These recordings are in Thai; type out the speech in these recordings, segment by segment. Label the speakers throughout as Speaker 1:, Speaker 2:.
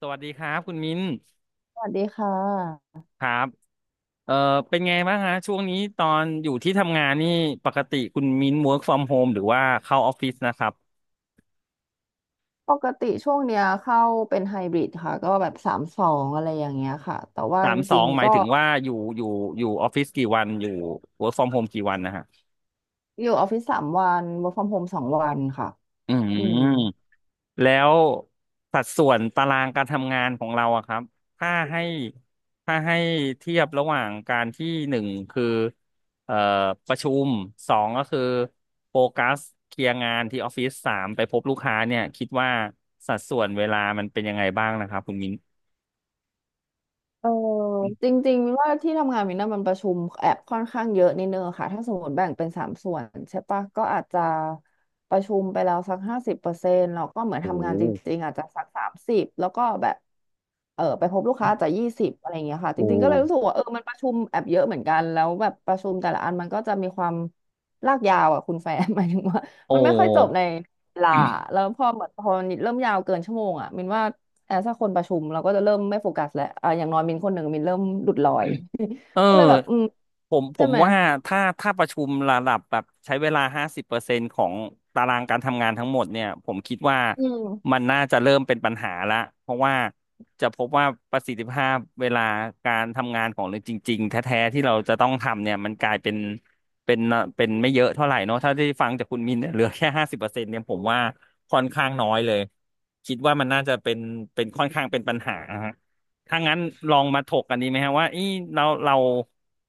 Speaker 1: สวัสดีครับคุณมิ้น
Speaker 2: สวัสดีค่ะ
Speaker 1: ครับเอ่อเป็นไงบ้างฮะช่วงนี้ตอนอยู่ที่ทำงานนี่ปกติคุณมิ้น work from home หรือว่าเข้าออฟฟิศนะครับ
Speaker 2: ปกติช่วงเนี้ยเข้าเป็นไฮบริดค่ะก็แบบสามสองอะไรอย่างเงี้ยค่ะแต่ว่า
Speaker 1: สา
Speaker 2: จ
Speaker 1: มสอ
Speaker 2: ริง
Speaker 1: งห
Speaker 2: ๆ
Speaker 1: มาย
Speaker 2: ก็
Speaker 1: ถึงว่าอยู่อยู่ออฟฟิศกี่วันอยู่ work from home กี่วันนะฮะ
Speaker 2: อยู่ออฟฟิศ3 วัน work from home 2 วันค่ะ
Speaker 1: อืม
Speaker 2: อืม
Speaker 1: แล้วสัดส่วนตารางการทำงานของเราอะครับถ้าให้ถ้าให้เทียบระหว่างการที่หนึ่งคือเอ่อประชุมสองก็คือโฟกัสเคลียร์งานที่ออฟฟิศสามไปพบลูกค้าเนี่ยคิดว่าสัดส่วนเวลามันเป็นยังไงบ้างนะครับคุณมิ้น
Speaker 2: เออจริงๆมินว่าที่ทำงานมินน่ะมันประชุมแอบค่อนข้างเยอะนิดนึงอะค่ะถ้าสมมติแบ่งเป็น3 ส่วนใช่ปะก็อาจจะประชุมไปแล้วสัก50%แล้วก็เหมือน
Speaker 1: โอ้
Speaker 2: ทำงานจริงๆอาจจะสัก30แล้วก็แบบไปพบลูกค้าอาจจะ20อะไรอย่างเงี้ยค่ะ
Speaker 1: โห
Speaker 2: จ
Speaker 1: โอ
Speaker 2: ริงๆก็เลยรู้สึ
Speaker 1: ้
Speaker 2: กว่ามันประชุมแอบเยอะเหมือนกันแล้วแบบประชุมแต่ละอันมันก็จะมีความลากยาวอ่ะคุณแฟน หมายถึงว่า
Speaker 1: โอ
Speaker 2: มันไม่ค่อยจบ
Speaker 1: ้
Speaker 2: ในเวลาแล้วพอเหมือนพอมันเริ่มยาวเกินชั่วโมงอ่ะมินว่า แอบถ้าคนประชุมเราก็จะเริ่มไม่โฟกัสแล้วอ่ะอย่างน้อยมินคนหนึ่งมินเริ่มหลุดลอย
Speaker 1: เอ
Speaker 2: ก็เลยแบบ
Speaker 1: อ
Speaker 2: อืม
Speaker 1: ผมผ
Speaker 2: ใช่
Speaker 1: ม
Speaker 2: ไหม
Speaker 1: ว่าถ้าประชุมระดับแบบใช้เวลาห้าสิบเปอร์เซ็นต์ของตารางการทำงานทั้งหมดเนี่ยผมคิดว่า
Speaker 2: อื
Speaker 1: มั
Speaker 2: ม
Speaker 1: นน่าจะเริ่มเป็นปัญหาละเพราะว่าจะพบว่าประสิทธิภาพเวลาการทำงานของเราจริงๆแท้ๆที่เราจะต้องทำเนี่ยมันกลายเป็นเป็นเป็นไม่เยอะเท่าไหร่เนอะถ้าได้ฟังจากคุณมินเนี่ยเหลือแค่ห้าสิบเปอร์เซ็นต์เนี่ยผมว่าค่อนข้างน้อยเลยคิดว่ามันน่าจะเป็นเป็นค่อนข้างเป็นปัญหา ถ้างั้นลองมาถกกันดีไหมฮะว่าเอีเรา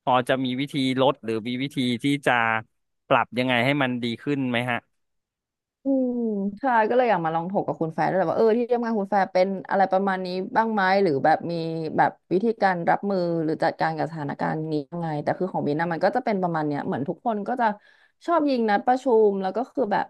Speaker 1: พอจะมีวิธีลดหรือมีวิธีที่จะปรับยังไงให้มันดีขึ้นไหมฮะ
Speaker 2: อืมใช่ก็เลยอยากมาลองถกกับคุณแฟร์ด้วยแหละว่าที่ทำงานคุณแฟร์เป็นอะไรประมาณนี้บ้างไหมหรือแบบมีแบบวิธีการรับมือหรือจัดการกับสถานการณ์นี้ยังไงแต่คือของบินนะมันก็จะเป็นประมาณเนี้ยเหมือนทุกคนก็จะชอบยิงนัดประชุมแล้วก็คือแบบ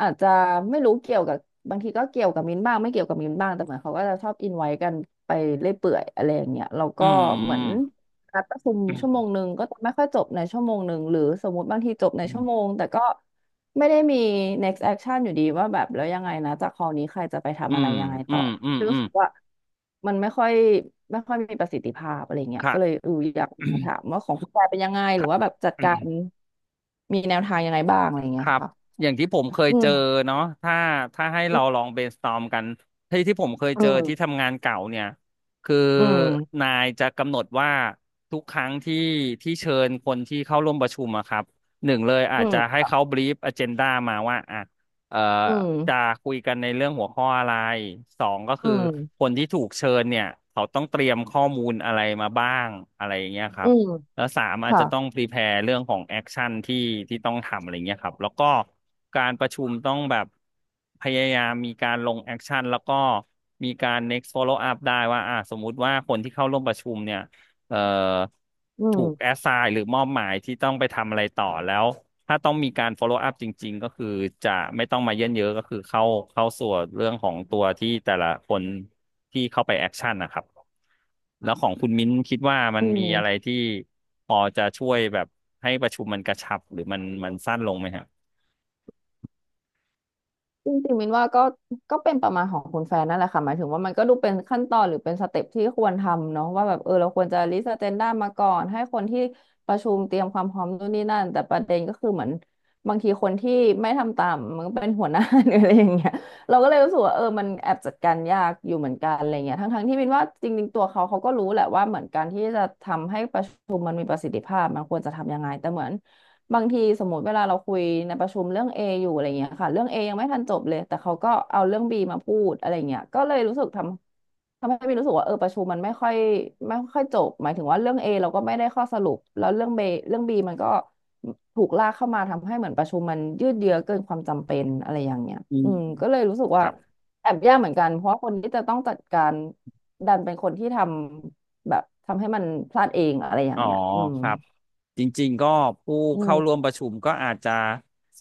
Speaker 2: อาจจะไม่รู้เกี่ยวกับบางทีก็เกี่ยวกับมินบ้างไม่เกี่ยวกับมินบ้างแต่เหมือนเขาก็จะชอบอินไว้กันไปเรื่อยเปื่อยอะไรอย่างเงี้ยแล้ว
Speaker 1: อื
Speaker 2: ก็เหมือน
Speaker 1: ม
Speaker 2: นัดประชุม
Speaker 1: อื
Speaker 2: ชั่ว
Speaker 1: ม
Speaker 2: โมงหนึ่งก็จะไม่ค่อยจบในชั่วโมงหนึ่งหรือสมมติบางทีจบในชั่วโมงแต่ก็ ไม่ได้มี next action อยู่ดีว่าแบบแล้วยังไงนะจากคอนี้ใครจะไป
Speaker 1: อื
Speaker 2: ทำอะไร
Speaker 1: ม
Speaker 2: ยังไง
Speaker 1: อื
Speaker 2: ต่อ
Speaker 1: มอืมอื
Speaker 2: รู้
Speaker 1: ม
Speaker 2: สึกว่ามันไม่ค่อยมีประสิทธิภาพอะไรเงี้ย
Speaker 1: ค่ะ
Speaker 2: ก็เลยอยากมาถามว่าของคุณแปเป็นยังไง หรื
Speaker 1: ค่
Speaker 2: อว่าแบบจัดการ
Speaker 1: ะ
Speaker 2: มีแนวทางยังไงบ้างอะไร
Speaker 1: ค
Speaker 2: เงี้ย
Speaker 1: รับ
Speaker 2: ค่ะ
Speaker 1: อย่างที่ผมเคย
Speaker 2: อื
Speaker 1: เจ
Speaker 2: ม
Speaker 1: อเนาะถ้าให้เราลอง brainstorm กันที่ผมเคย
Speaker 2: อื
Speaker 1: เจอที่
Speaker 2: ม
Speaker 1: ทำงานเก่าเนี่ยคือ
Speaker 2: อืม
Speaker 1: นายจะกำหนดว่าทุกครั้งที่เชิญคนที่เข้าร่วมประชุมอะครับหนึ่งเลยอา
Speaker 2: อื
Speaker 1: จจะให้
Speaker 2: ม
Speaker 1: เขา brief agenda มาว่าอ่ะเอ่อ
Speaker 2: อืม
Speaker 1: จะคุยกันในเรื่องหัวข้ออะไรสองก็
Speaker 2: อื
Speaker 1: คือค
Speaker 2: ม
Speaker 1: นที่ถูกเชิญเนี่ยเขาต้องเตรียมข้อมูลอะไรมาบ้างอะไรอย่างเงี้ยครั
Speaker 2: อื
Speaker 1: บ
Speaker 2: ม
Speaker 1: แล้วสามอาจ
Speaker 2: ค่ะ
Speaker 1: จะต้องพรีแพร์เรื่องของแอคชั่นที่ต้องทำอะไรเงี้ยครับแล้วก็การประชุมต้องแบบพยายามมีการลงแอคชั่นแล้วก็มีการ next follow up ได้ว่าอ่าสมมุติว่าคนที่เข้าร่วมประชุมเนี่ย เอ่อ
Speaker 2: อื
Speaker 1: ถูกแอ
Speaker 2: ม
Speaker 1: สไซน์หรือมอบหมายที่ต้องไปทำอะไรต่อแล้วถ้าต้องมีการ follow up จริงๆก็คือจะไม่ต้องมาเยินเยอะก็คือเข้าส่วนเรื่องของตัวที่แต่ละคนที่เข้าไปแอคชั่นนะครับแล้วของคุณมิ้นคิดว่ามัน
Speaker 2: อื
Speaker 1: มีอะไร
Speaker 2: ม
Speaker 1: ที่พอจะช่วยแบบให้ประชุมมันกระชับหรือมันสั้นลงไหมฮะ
Speaker 2: จริงๆมินว่าก็ก็เป็นประมาณของคุณแฟนนั่นแหละค่ะหมายถึงว่ามันก็ดูเป็นขั้นตอนหรือเป็นสเต็ปที่ควรทำเนาะว่าแบบเราควรจะลิสต์อเจนดามาก่อนให้คนที่ประชุมเตรียมความพร้อมนู่นนี่นั่นแต่ประเด็นก็คือเหมือนบางทีคนที่ไม่ทำตามมันก็เป็นหัวหน้า หรืออะไรอย่างเงี้ยเราก็เลยรู้สึกว่ามันแอบจัดการยากอยู่เหมือนกันอะไรเงี้ยทั้งๆที่มินว่าจริงๆตัวเขาเขาก็รู้แหละว่าเหมือนการที่จะทำให้ประชุมมันมีประสิทธิภาพมันควรจะทำยังไงแต่เหมือน บางทีสมมติเวลาเราคุยในประชุมเรื่อง A อยู่อะไรเงี้ยค่ะเรื่อง A ยังไม่ทันจบเลยแต่เขาก็เอาเรื่อง B มาพูดอะไรเงี้ยก็เลยรู้สึกทำให้มีรู้สึกว่าประชุมมันไม่ค่อยจบหมายถึงว่าเรื่อง A เราก็ไม่ได้ข้อสรุปแล้วเรื่อง B มันก็ถูกลากเข้ามาทำให้เหมือนประชุมมันยืดเยื้อเกินความจำเป็นอะไรอย่างเงี้ย
Speaker 1: อื
Speaker 2: อื
Speaker 1: ม
Speaker 2: มก็เลยรู้สึก
Speaker 1: ค
Speaker 2: ว่า
Speaker 1: รับ
Speaker 2: แอบยากเหมือนกันเพราะว่าคนที่จะต้องจัดการดันเป็นคนที่ทำแบบทำให้มันพลาดเองอะไรอย่า
Speaker 1: อ๋
Speaker 2: ง
Speaker 1: อ
Speaker 2: เงี้ยอืม
Speaker 1: ครับจริงๆก็ผู้
Speaker 2: อื
Speaker 1: เข้าร่วม
Speaker 2: ม
Speaker 1: ประชุมก็อาจจะ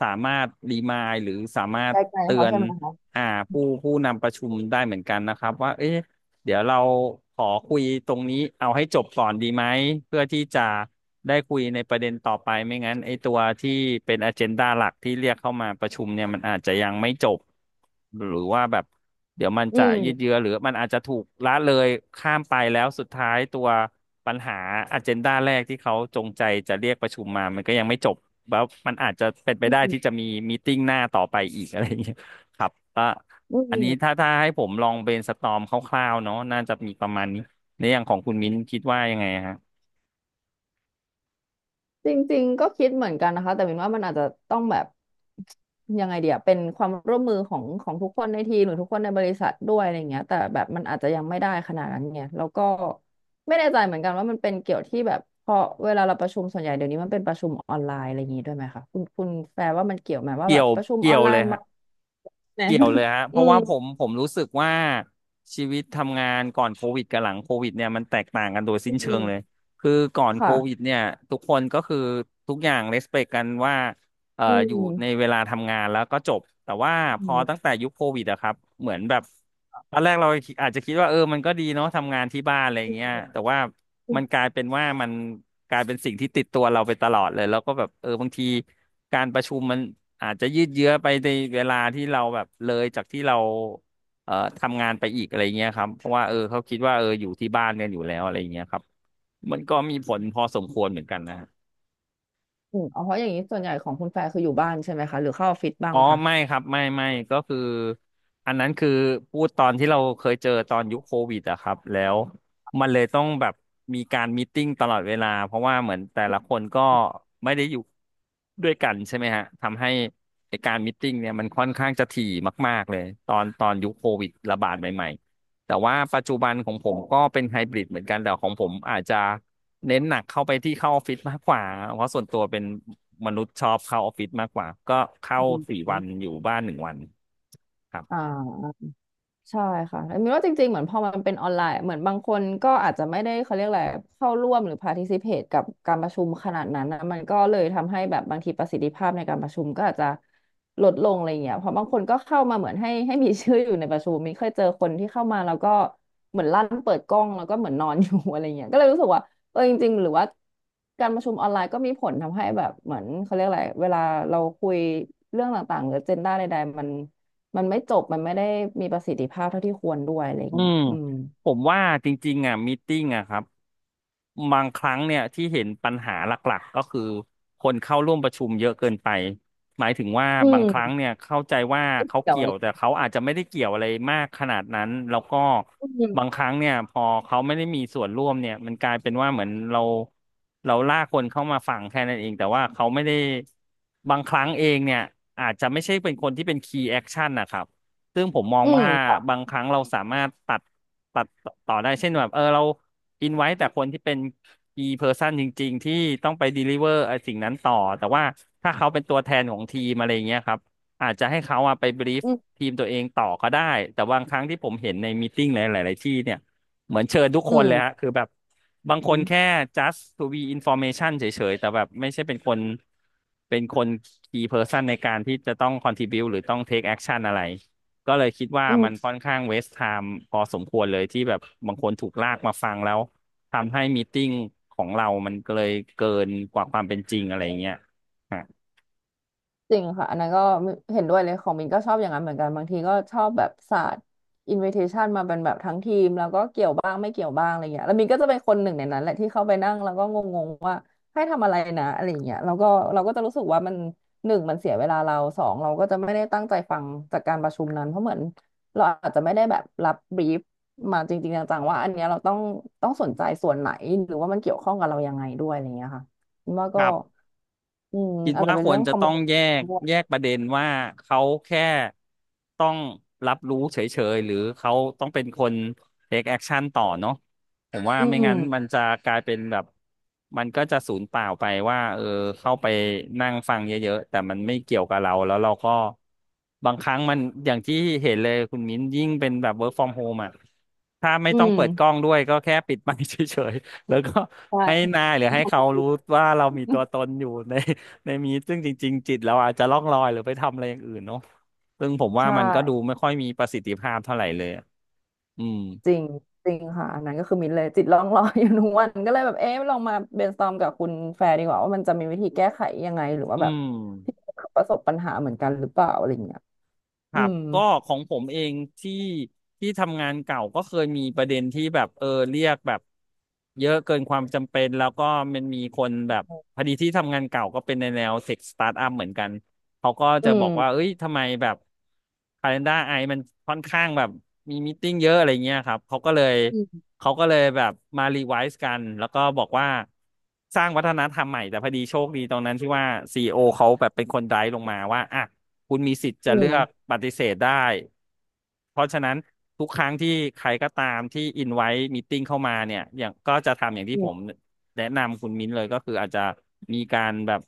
Speaker 1: สามารถรีมายหรือสามาร
Speaker 2: ไก
Speaker 1: ถ
Speaker 2: ล
Speaker 1: เตื
Speaker 2: ๆเขา
Speaker 1: อน
Speaker 2: ใช่ไหมคะ
Speaker 1: อ่าผู้นำประชุมได้เหมือนกันนะครับว่าเอ๊ะ เดี๋ยวเราขอคุยตรงนี้เอาให้จบก่อนดีไหมเพื่อที่จะได้คุยในประเด็นต่อไปไม่งั้นไอ้ตัวที่เป็นอเจนดาหลักที่เรียกเข้ามาประชุมเนี่ยมันอาจจะยังไม่จบหรือว่าแบบเดี๋ยวมัน
Speaker 2: อื
Speaker 1: จะยืด
Speaker 2: ม
Speaker 1: เยื้อหรือมันอาจจะถูกละเลยข้ามไปแล้วสุดท้ายตัวปัญหาอเจนดาแรกที่เขาจงใจจะเรียกประชุมมามันก็ยังไม่จบแล้วมันอาจจะเป็นไปได้ที่จะมีมีตติ้งหน้าต่อไปอีกอะไรอย่างเงี้ยครับก็
Speaker 2: อื
Speaker 1: อันนี้
Speaker 2: ม
Speaker 1: ถ้าให้ผมลองเบรนสตอร์มคร่าวๆเนาะน่าจะมีประมาณนี้ในอย่างของคุณมิ้นคิดว่ายังไงฮะ
Speaker 2: จริงๆก็คิดเหมือนกันนะคะแต่มินว่ามันอาจจะต้องแบบยังไงเดียเป็นความร่วมมือของทุกคนในทีมหรือทุกคนในบริษัทด้วยอะไรเงี้ยแต่แบบมันอาจจะยังไม่ได้ขนาดนั้นไงแล้วก็ไม่แน่ใจเหมือนกันว่ามันเป็นเกี่ยวที่แบบพอเวลาเราประชุมส่วนใหญ่เดี๋ยวนี้มันเป็นประชุมออนไลน์อะไรอย่างงี้ด้วยไหมคะคุณแฟร์ว่ามันเกี่ยวไหมว่า
Speaker 1: เกี่
Speaker 2: แบ
Speaker 1: ย
Speaker 2: บ
Speaker 1: ว
Speaker 2: ประชุม
Speaker 1: เกี่
Speaker 2: ออ
Speaker 1: ย
Speaker 2: น
Speaker 1: ว
Speaker 2: ไล
Speaker 1: เลย
Speaker 2: น์
Speaker 1: ฮะ
Speaker 2: มาเนี่ย
Speaker 1: เกี่ยวเลยฮะ เพ
Speaker 2: อื
Speaker 1: ราะ
Speaker 2: ม
Speaker 1: ว่าผมรู้สึกว่าชีวิตทำงานก่อนโควิดกับหลังโควิดเนี่ยมันแตกต่างกันโดยสิ้
Speaker 2: อื
Speaker 1: นเชิงเลย
Speaker 2: ม
Speaker 1: คือก่อนโควิด
Speaker 2: ค่ะ
Speaker 1: เนี่ยทุกคนก็คือทุกอย่างเ e สเป t กันว่า
Speaker 2: อื
Speaker 1: อยู่ใน
Speaker 2: ม
Speaker 1: เวลาทำงานแล้วก็จบแต่ว่าพ
Speaker 2: อื
Speaker 1: อตั้
Speaker 2: ม
Speaker 1: งแต่ยุคโควิดอะครับเหมือนแบบตอนแรกเราอาจจะคิดว่าเออมันก็ดีเนาะทำงานที่บ้านอะไรเงี้ยแต่ว่ามันกลายเป็นว่ามันกลายเป็นสิ่งที่ติดตัวเราไปตลอดเลยแล้วก็แบบเออบางทีการประชุมมันอาจจะยืดเยื้อไปในเวลาที่เราแบบเลยจากที่เราทำงานไปอีกอะไรเงี้ยครับเพราะว่าเออเขาคิดว่าเอออยู่ที่บ้านกันอยู่แล้วอะไรเงี้ยครับมันก็มีผลพอสมควรเหมือนกันนะ
Speaker 2: อืมอ๋อเพราะอย่างนี้ส่วนใหญ่ของคุณแฟร์คืออยู่บ้านใช่ไหมคะหรือเข้าออฟฟิศบ้าง
Speaker 1: อ๋อ
Speaker 2: ปะคะ
Speaker 1: ไม่ครับไม่ไม่ก็คืออันนั้นคือพูดตอนที่เราเคยเจอตอนยุคโควิดอะครับแล้วมันเลยต้องแบบมีการมีตติ้งตลอดเวลาเพราะว่าเหมือนแต่ละคนก็ไม่ได้อยู่ด้วยกันใช่ไหมฮะทำให้ไอการมีตติ้งเนี่ยมันค่อนข้างจะถี่มากๆเลยตอนยุคโควิดระบาดใหม่ แต่ว่าปัจจุบันของผมก็เป็นไฮบริดเหมือนกันแต่ของผมอาจจะเน้นหนักเข้าไปที่เข้าออฟฟิศมากกว่าเพราะส่วนตัวเป็นมนุษย์ชอบเข้าออฟฟิศมากกว่าก็เข้า
Speaker 2: อื
Speaker 1: สี่
Speaker 2: ม
Speaker 1: วันอยู่บ้านหนึ่งวันครับ
Speaker 2: อ่า ใช่ค่ะแต่มินว่าจริงๆเหมือนพอมันเป็นออนไลน์ เหมือนบางคนก็อาจจะไม่ได้เขาเรียกอะไรเข้าร่วมหรือ participate กับการประชุมขนาดนั้นนะมันก็เลยทำให้แบบบางทีประสิทธิภาพในการประชุมก็อาจจะลดลงอะไรเงี้ยเพราะบางคนก็เข้ามาเหมือนให้มีชื่ออยู่ในประชุมมินเคยเจอคนที่เข้ามาแล้วก็เหมือนลั่นเปิดกล้องแล้วก็เหมือนนอนอยู่ อะไรเงี้ยก็เลยรู้สึกว่าเออจริงๆหรือว่าการประชุมออนไลน์ก็มีผลทำให้แบบเหมือนเขาเรียกอะไรเวลาเราคุยเรื่องต่างๆหรือเจนด้าใดๆมัน มันไม่จบ มันไม่ได้มีประสิทธิภาพเท่าที่ควรด้วยอะไรอย่า
Speaker 1: อื
Speaker 2: งเงี้ย
Speaker 1: ม
Speaker 2: อืม
Speaker 1: ผมว่าจริงๆอ่ะมีตติ้งอ่ะครับบางครั้งเนี่ยที่เห็นปัญหาหลักๆก็คือคนเข้าร่วมประชุมเยอะเกินไปหมายถึงว่า
Speaker 2: อื
Speaker 1: บางครั้ง
Speaker 2: ม
Speaker 1: เนี่ยเข้าใจว่า
Speaker 2: ไม่
Speaker 1: เขา
Speaker 2: เกี่ยว
Speaker 1: เกี่ย
Speaker 2: เล
Speaker 1: ว
Speaker 2: ย
Speaker 1: แต่เขาอาจจะไม่ได้เกี่ยวอะไรมากขนาดนั้นแล้วก็
Speaker 2: อื
Speaker 1: บา
Speaker 2: ม
Speaker 1: งครั้งเนี่ยพอเขาไม่ได้มีส่วนร่วมเนี่ยมันกลายเป็นว่าเหมือนเราลากคนเข้ามาฟังแค่นั้นเองแต่ว่าเขาไม่ได้บางครั้งเองเนี่ยอาจจะไม่ใช่เป็นคนที่เป็นคีย์แอคชั่นนะครับ ซึ่งผมมอง
Speaker 2: อืม
Speaker 1: ว่า
Speaker 2: ค่ะ
Speaker 1: บางครั้งเราสามารถตัดต่อได้เช่นแบบเออเราอินไว้แต่คนที่เป็น key person จริงๆที่ต้องไป deliver ไอ้สิ่งนั้นต่อแต่ว่าถ้าเขาเป็นตัวแทนของทีมอะไรอย่างเงี้ยครับอาจจะให้เขาอะไป brief
Speaker 2: อืม
Speaker 1: ทีมตัวเองต่อก็ได้แต่บางครั้งที่ผมเห็นในมีติ้งหลายๆที่เนี่ยเหมือนเชิญทุกค
Speaker 2: อื
Speaker 1: นเลยฮะ
Speaker 2: ม
Speaker 1: คือแบบบางค
Speaker 2: อื
Speaker 1: นแค่
Speaker 2: ม
Speaker 1: just to be information เฉยๆแต่แบบไม่ใช่เป็นคนเป็นคน key person ในการที่จะต้อง contribute หรือต้อง take action อะไร ก็เลยคิดว่า
Speaker 2: อื
Speaker 1: มัน
Speaker 2: ม
Speaker 1: ค่อนข้างwaste time พอสมควรเลยที่แบบบางคนถูกลากมาฟังแล้วทำให้มีตติ้งของเรามันก็เลยเกินกว่าความเป็นจริงอะไรเงี้ยฮะ
Speaker 2: จริงค่ะอันนั้นก็เห็นด้วยเลยของมินก็ชอบอย่างนั้นเหมือนกันบางทีก็ชอบแบบศาสตร์อินวิเทชันมาเป็นแบบทั้งทีมแล้วก็เกี่ยวบ้างไม่เกี่ยวบ้างอะไรเงี้ยแล้วมินก็จะเป็นคนหนึ่งในนั้นแหละที่เข้าไปนั่งแล้วก็งงๆว่าให้ทำอะไรนะอะไรเงี้ยแล้วก็เราก็จะรู้สึกว่ามันหนึ่งมันเสียเวลาเราสองเราก็จะไม่ได้ตั้งใจฟังจากการประชุมนั้นเพราะเหมือนเราอาจจะไม่ได้แบบรับบรีฟมาจริงๆจังๆว่าอันเนี้ยเราต้องสนใจส่วนไหนหรือว่ามันเกี่ยวข้องกับเรายังไงด้วยอะไรเงี้ยค่ะมินว่า
Speaker 1: ค
Speaker 2: ก็
Speaker 1: รับ
Speaker 2: อืม
Speaker 1: คิด
Speaker 2: อาจจะ
Speaker 1: ว่า
Speaker 2: เป็
Speaker 1: ค
Speaker 2: น
Speaker 1: ว
Speaker 2: เรื่
Speaker 1: ร
Speaker 2: อง
Speaker 1: จะต้องแยก
Speaker 2: communication
Speaker 1: แย
Speaker 2: อ
Speaker 1: กประเด็นว่าเขาแค่ต้องรับรู้เฉยๆหรือเขาต้องเป็นคน take action ต่อเนาะผมว่า
Speaker 2: ื
Speaker 1: ไม่งั้นมัน
Speaker 2: ม
Speaker 1: จะกลายเป็นแบบมันก็จะสูญเปล่าไปว่าเออเข้าไปนั่งฟังเยอะๆแต่มันไม่เกี่ยวกับเราแล้วเราก็บางครั้งมันอย่างที่เห็นเลยคุณมิ้นยิ่งเป็นแบบ work from home อ่ะถ้าไม่
Speaker 2: อื
Speaker 1: ต้อง
Speaker 2: ม
Speaker 1: เปิดกล้องด้วยก็แค่ปิดไมค์เฉยๆแล้วก็
Speaker 2: ใช่
Speaker 1: ให้นายหรือให้
Speaker 2: ทำแบ
Speaker 1: เขา
Speaker 2: บ
Speaker 1: รู้
Speaker 2: นี้
Speaker 1: ว่าเรามีตัวตนอยู่ใน ในมีซึ่งจริงๆจิตเราอาจจะล่องลอยหรือไปทำอะไรอย่างอื่นเนาะซึ่งผมว่า
Speaker 2: ใช่
Speaker 1: มันก็ดูไม่ค่อยมีประสิทธิภาพเท่าไหร่เลยอะอืม
Speaker 2: จริงจริงค่ะอันนั้นก็คือมิ้นเลยจิตลองรอยอยู่ทุกวันก็เลยแบบเอ๊ะลองมา brainstorm กับคุณแฟร์ดีกว่าว่ามันจะมีวิธีแก้ไขยังไงหรือว่า
Speaker 1: อื
Speaker 2: แบบ
Speaker 1: ม
Speaker 2: ที่ประสบปัญหาเหมือนกันหรือเปล่าอะไรอย่างเงี้ย
Speaker 1: ค
Speaker 2: อื
Speaker 1: รับ
Speaker 2: ม
Speaker 1: ก็ของผมเองที่ที่ทำงานเก่าก็เคยมีประเด็นที่แบบเออเรียกแบบเยอะเกินความจำเป็นแล้วก็มันมีคนแบบพอดีที่ทำงานเก่าก็เป็นในแนวเทคสตาร์ทอัพเหมือนกันเขาก็
Speaker 2: อื
Speaker 1: จะบอกว่า
Speaker 2: ม
Speaker 1: เอ้ยทำไมแบบ Calendar ไอมันค่อนข้างแบบมีมีตติ้งเยอะอะไรเงี้ยครับเขาก็เลย
Speaker 2: อืม
Speaker 1: เขาก็เลยแบบมารีไวซ์กันแล้วก็บอกว่าสร้างวัฒนธรรมใหม่แต่พอดีโชคดีตรงนั้นที่ว่าCEOเขาแบบเป็นคนไดรฟ์ลงมาว่าอ่ะ คุณมีสิทธิ์จะ
Speaker 2: อื
Speaker 1: เลื
Speaker 2: ม
Speaker 1: อกปฏิเสธได้ เพราะฉะนั้นทุกครั้งที่ใครก็ตามที่อินไว้มีตติ้งเข้ามาเนี่ยอย่างก็จะทำอย่างที่ผ
Speaker 2: อื
Speaker 1: มแนะนำคุณมิ้นเลยก็คืออาจจะมีการแบบ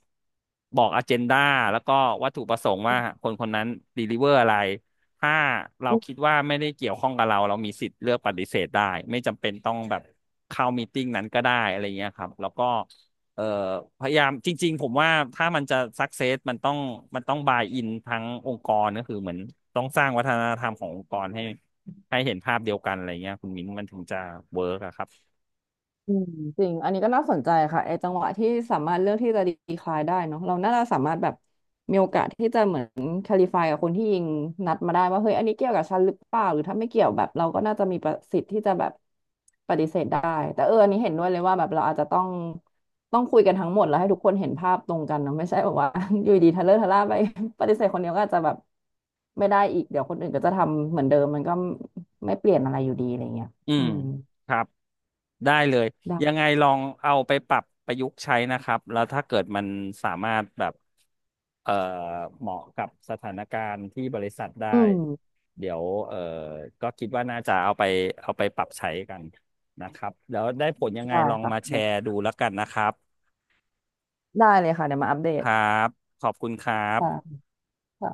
Speaker 1: บอกอเจนดาแล้วก็วัตถุประสงค์ว่าคนคนนั้นdeliverอะไรถ้าเรา
Speaker 2: ม
Speaker 1: คิดว่าไม่ได้เกี่ยวข้องกับเราเรามีสิทธิ์เลือกปฏิเสธได้ไม่จำเป็นต้องแบบเข้ามีตติ้งนั้นก็ได้อะไรเงี้ยครับแล้วก็ เอ่อพยายามจริงๆผมว่าถ้ามันจะสักเซสมันต้องบายอินทั้งองค์กรก็คือเหมือนต้องสร้างวัฒนธรรมขององค์กรให้เห็นภาพเดียวกันอะไรเงี้ยคุณมิ้นมันถึงจะเวิร์กอะครับ
Speaker 2: อืมจริงอันนี้ก็น่าสนใจค่ะไอ้จังหวะที่สามารถเลือกที่จะดีคลายได้เนาะเราน่าจะสามารถแบบมีโอกาสที่จะเหมือนคลิฟายกับคนที่ยิงนัดมาได้ว่าเฮ้ยอันนี้เกี่ยวกับฉันหรือเปล่าหรือถ้าไม่เกี่ยวแบบเราก็น่าจะมีประสิทธิ์ที่จะแบบปฏิเสธได้แต่เอออันนี้เห็นด้วยเลยว่าแบบเราอาจจะต้องคุยกันทั้งหมดแล้วให้ทุกคนเห็นภาพตรงกันเนาะไม่ใช่แบบว่า อยู่ดีทะเลอะทะล่าไป ปฏิเสธคนเดียวก็อาจจะแบบไม่ได้อีกเดี๋ยวคนอื่นก็จะทำเหมือนเดิมมันก็ไม่เปลี่ยนอะไรอยู่ดีอะไรเงี้ย
Speaker 1: อื
Speaker 2: อื
Speaker 1: ม
Speaker 2: ม
Speaker 1: ครับได้เลย
Speaker 2: ได้
Speaker 1: ยังไงลองเอาไปปรับประยุกต์ใช้นะครับแล้วถ้าเกิดมันสามารถแบบ เอ่อเหมาะกับสถานการณ์ที่บริษัทได้
Speaker 2: อืม
Speaker 1: เดี๋ยวก็คิดว่าน่าจะเอาไปปรับใช้กันนะครับแล้วได้ผลยังไง
Speaker 2: ได้
Speaker 1: ลอง
Speaker 2: ค่ะ
Speaker 1: มาแช
Speaker 2: เดี๋ยว
Speaker 1: ร์ดูแล้วกันนะครับ
Speaker 2: ได้เลยค่ะเดี๋ยวมาอัปเด
Speaker 1: ค
Speaker 2: ต
Speaker 1: รับขอบคุณครั
Speaker 2: ค่ะ
Speaker 1: บ
Speaker 2: ค่ะ